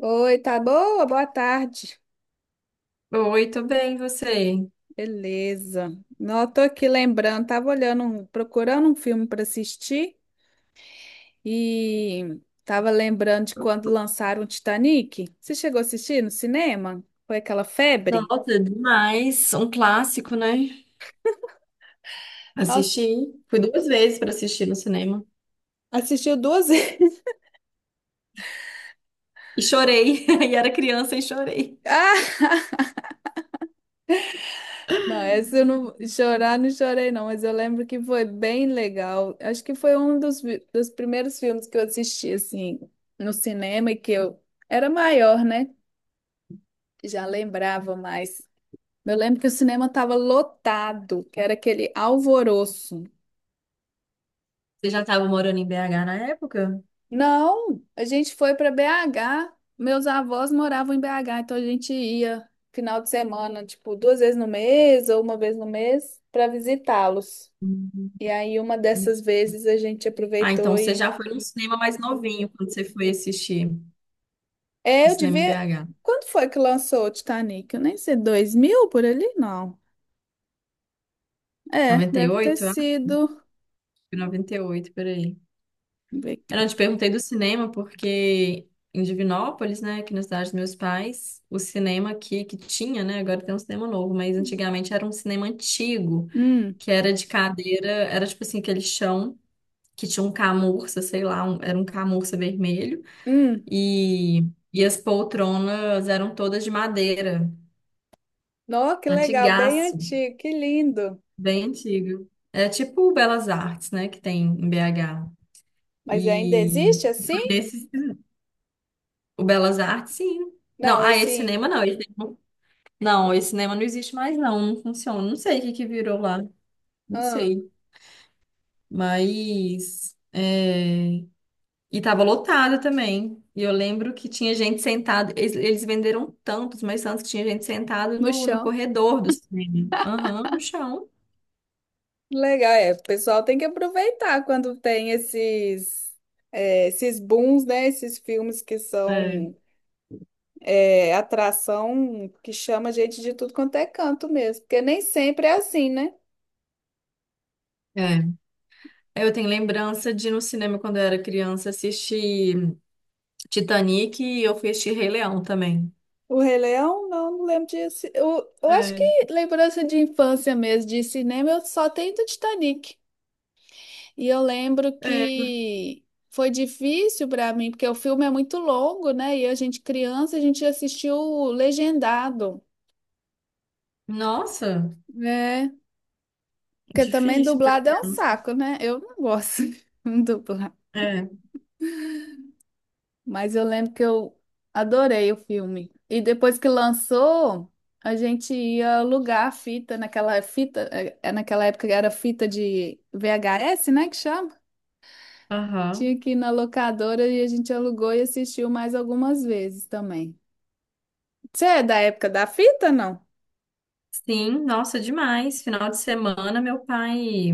Oi, tá boa? Boa tarde. Oi, tô bem, e você? Beleza. Não, eu tô aqui lembrando, tava olhando, procurando um filme para assistir e tava lembrando de quando lançaram o Titanic. Você chegou a assistir no cinema? Foi aquela febre? Nossa, demais. Um clássico, né? Nossa, Assisti. Fui duas vezes pra assistir no cinema. assistiu duas vezes. E chorei. E era criança e chorei. Ah, não, essa eu não chorar, não chorei não, mas eu lembro que foi bem legal. Acho que foi dos primeiros filmes que eu assisti assim no cinema e que eu era maior, né? Já lembrava mais. Eu lembro que o cinema estava lotado, que era aquele alvoroço. Você já estava morando em BH na época? Não, a gente foi para BH. Meus avós moravam em BH, então a gente ia final de semana, tipo, duas vezes no mês ou uma vez no mês para visitá-los. Uhum. E aí uma dessas vezes a gente Ah, então aproveitou você e já foi num cinema mais novinho quando você foi assistir o é, eu cinema em devia. BH. Quando foi que lançou o Titanic? Eu nem sei, 2000 por ali? Não. É, deve ter 98? Ah, acho sido. que 98, peraí. Deixa eu ver Eu não aqui. te perguntei do cinema porque em Divinópolis, né, aqui na cidade dos meus pais, o cinema aqui que tinha, né, agora tem um cinema novo, mas antigamente era um cinema antigo, Hum, que era de cadeira, era tipo assim, aquele chão que tinha um camurça, sei lá, era um camurça vermelho, hum. e, e as poltronas eram todas de madeira, Nossa, que legal, bem antigaço, antigo, que lindo. bem antigo. É tipo o Belas Artes, né, que tem em BH. Mas ainda E existe assim? foi nesse o Belas Artes, sim. Não, Não, ah, esse esse cinema não. Esse cinema- Não, esse cinema não existe mais, não. Não funciona. Não sei o que que virou lá. Não ah, sei. Mas é, e tava lotado também. E eu lembro que tinha gente sentada. Eles venderam tantos, mas tantos que tinha gente sentada no no chão. corredor do cinema. Aham, no chão. Legal, é. O pessoal tem que aproveitar quando tem esses é, esses booms, né? Esses filmes que É, são é, atração que chama gente de tudo quanto é canto mesmo, porque nem sempre é assim, né? é. Eu tenho lembrança de ir no cinema quando eu era criança assistir Titanic e eu fui assistir Rei Leão também. O Rei Leão, não, não lembro disso. Eu acho que É. lembrança de infância mesmo de cinema eu só tenho do Titanic. E eu lembro É. que foi difícil para mim, porque o filme é muito longo, né? E a gente criança, a gente assistiu legendado, Nossa! né? Porque também Difícil para dublado é um criança. saco, né? Eu não gosto de dublar. É. Mas eu lembro que eu adorei o filme. E depois que lançou, a gente ia alugar a fita naquela fita, é naquela época era fita de VHS, né, que chama? Aham. Tinha que ir na locadora e a gente alugou e assistiu mais algumas vezes também. Você é da época da fita, não? Sim, nossa, demais. Final de semana, meu pai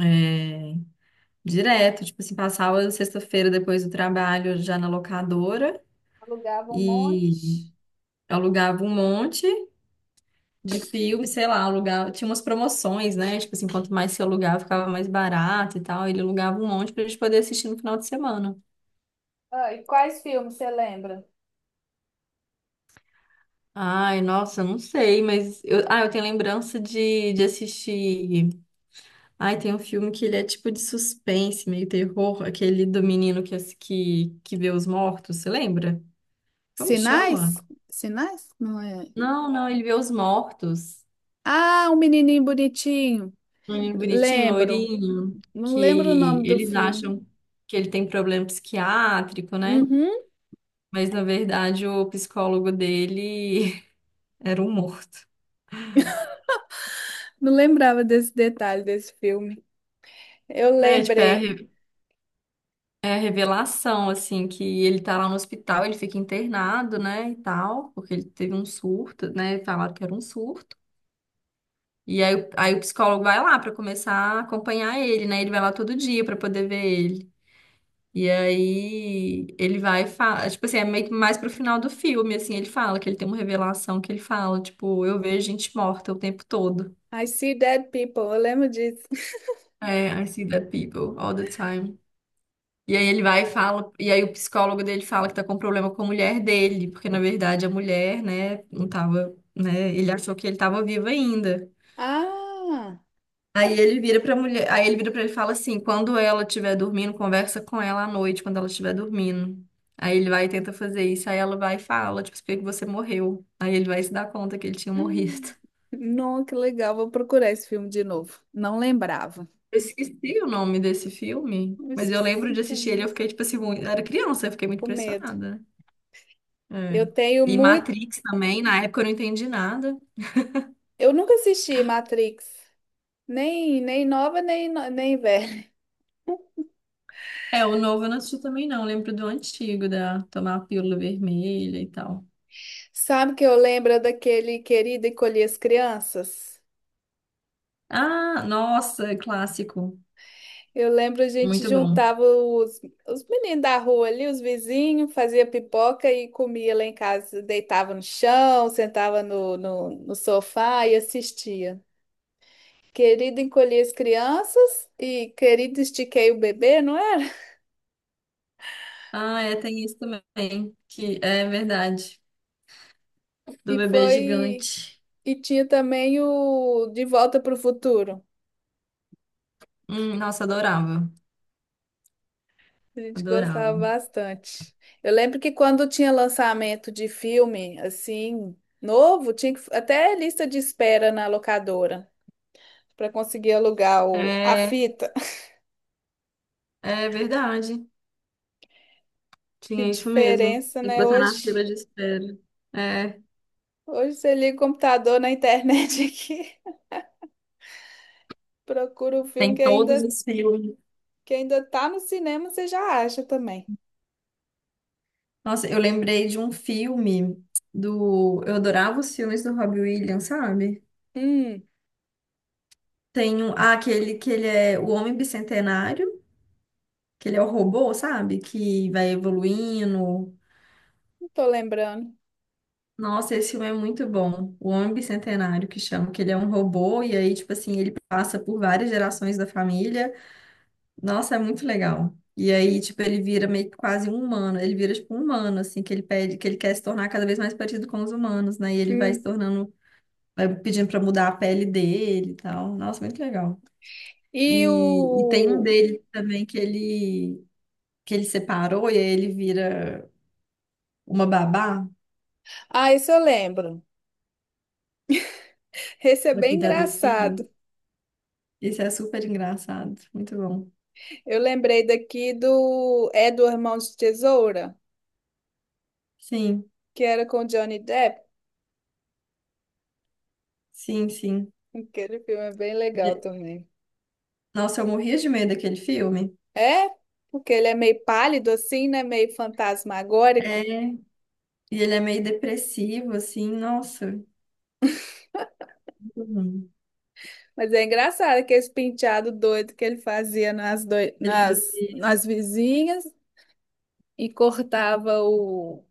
é, direto, tipo assim, passava sexta-feira depois do trabalho já na locadora Alugava um e monte. alugava um monte de filme, sei lá, alugava, tinha umas promoções, né? Tipo assim, quanto mais se alugava, ficava mais barato e tal. Ele alugava um monte pra gente poder assistir no final de semana. Ah, e quais filmes você lembra? Ai, nossa, não sei, mas eu, ah, eu tenho lembrança de assistir. Ai, tem um filme que ele é tipo de suspense, meio terror, aquele do menino que, que vê os mortos, você lembra? Como que chama? Sinais? Sinais? Não é. Não, não, ele vê os mortos. Ah, um menininho bonitinho. Um menino bonitinho, Lembro. loirinho, Não lembro o que nome do eles filme. acham que ele tem problema psiquiátrico, né? Uhum. Mas na verdade o psicólogo dele era um morto. Não lembrava desse detalhe desse filme. Eu É, tipo, lembrei. É a revelação, assim, que ele tá lá no hospital, ele fica internado, né, e tal, porque ele teve um surto, né, falaram que era um surto. E aí, aí o psicólogo vai lá para começar a acompanhar ele, né? Ele vai lá todo dia para poder ver ele. E aí ele vai e tipo assim, é meio que mais pro final do filme, assim, ele fala que ele tem uma revelação que ele fala, tipo, eu vejo gente morta o tempo todo. I see dead people. Eu lembro disso. É, I see dead people all the time. E aí ele vai e fala, e aí o psicólogo dele fala que tá com problema com a mulher dele, porque na verdade a mulher, né, não tava, né, ele achou que ele tava vivo ainda. Ah! Aí ele vira pra mulher, aí ele vira pra ele e fala assim, quando ela estiver dormindo, conversa com ela à noite, quando ela estiver dormindo. Aí ele vai e tenta fazer isso, aí ela vai e fala, tipo, por que que você morreu? Aí ele vai se dar conta que ele tinha morrido. Hum. Não, que legal. Vou procurar esse filme de novo. Não lembrava. Eu esqueci o nome desse filme, Eu mas eu lembro esqueci de assistir ele, eu também. fiquei, tipo assim, muito... eu era criança, eu fiquei muito Com medo. impressionada. Eu É. tenho E muito. Matrix também, na época eu não entendi nada. Eu nunca assisti Matrix, nem nova, nem velha. É, o novo eu não assisti também não, eu lembro do antigo, da tomar a pílula vermelha e tal. Sabe que eu lembro daquele querido Encolher as Crianças? Ah, nossa, é clássico. Eu lembro a gente Muito bom. juntava os meninos da rua ali, os vizinhos, fazia pipoca e comia lá em casa. Deitava no chão, sentava no sofá e assistia. Querido Encolher as Crianças e Querido Estiquei o Bebê, não era? Ah, é, tem isso também, que é verdade, do E bebê foi. gigante. E tinha também o De Volta para o Futuro. Nossa, adorava, A gente adorava. gostava bastante. Eu lembro que quando tinha lançamento de filme, assim, novo, tinha que, até lista de espera na locadora para conseguir alugar a É, fita. é verdade, Que tinha isso mesmo. diferença, Tem que né? botar na fila Hoje, de espera. É, hoje você liga o computador na internet aqui, procura o filme tem que todos ainda, os filmes. que ainda tá no cinema, você já acha também. Nossa, eu lembrei de um filme do. Eu adorava os filmes do Robbie Williams, sabe? Hum, Tem um, ah, aquele que ele é o Homem Bicentenário, que ele é o robô, sabe? Que vai evoluindo. não tô lembrando. Nossa, esse filme é muito bom. O Homem Bicentenário, que chama, que ele é um robô, e aí, tipo assim, ele passa por várias gerações da família. Nossa, é muito legal. E aí, tipo, ele vira meio que quase um humano. Ele vira, tipo, um humano, assim, que ele pede, que ele quer se tornar cada vez mais parecido com os humanos, né? E ele vai se Hum. tornando, vai pedindo pra mudar a pele dele e tal. Nossa, muito legal. E E tem um o. dele também que ele separou, e aí ele vira uma babá Ah, esse eu lembro. Esse é pra bem cuidar dos filhos. engraçado. Esse é super engraçado, muito bom. Eu lembrei daqui do É do Irmão de Tesoura, Sim, que era com Johnny Depp. sim, sim. Aquele filme é bem legal E- também. Nossa, eu morria de medo daquele filme. É, porque ele é meio pálido assim, né? Meio É, fantasmagórico. e ele é meio depressivo, assim, nossa, muito ruim. Mas é engraçado que esse penteado doido que ele fazia nas, doi- Ele fazia nas, nas vizinhas e cortava o,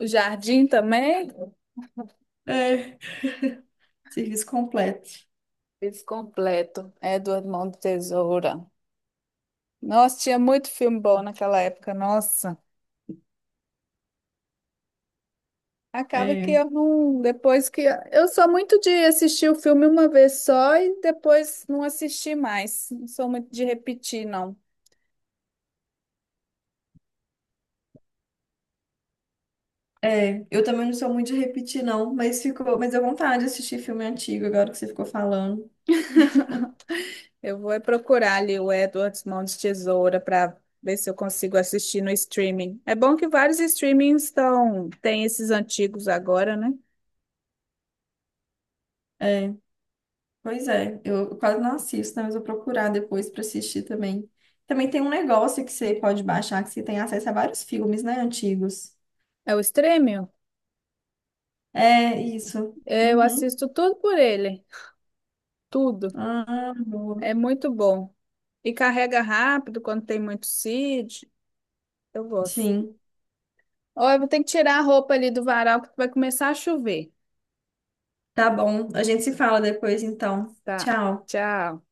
o jardim também. é, serviço completo. Fiz completo. É do Irmão de Tesoura. Nossa, tinha muito filme bom naquela época, nossa. Acaba que É, eu não. Depois que. Eu sou muito de assistir o filme uma vez só e depois não assistir mais. Não sou muito de repetir, não. é, eu também não sou muito de repetir, não, mas ficou, mas deu vontade de assistir filme antigo agora que você ficou falando. Eu vou é procurar ali o Edward Mão de Tesoura para ver se eu consigo assistir no streaming. É bom que vários streamings estão. Tem esses antigos agora, né? É, pois é, eu quase não assisto, né, mas vou procurar depois para assistir também. Também tem um negócio que você pode baixar, que você tem acesso a vários filmes, né, antigos. É o streaming? É, isso. É, eu Uhum. assisto tudo por ele. Tudo. Ah, É boa. muito bom. E carrega rápido quando tem muito seed. Eu gosto. Sim, Ó, eu vou ter que tirar a roupa ali do varal que vai começar a chover. tá bom. A gente se fala depois, então. Tá. Tchau. Tchau.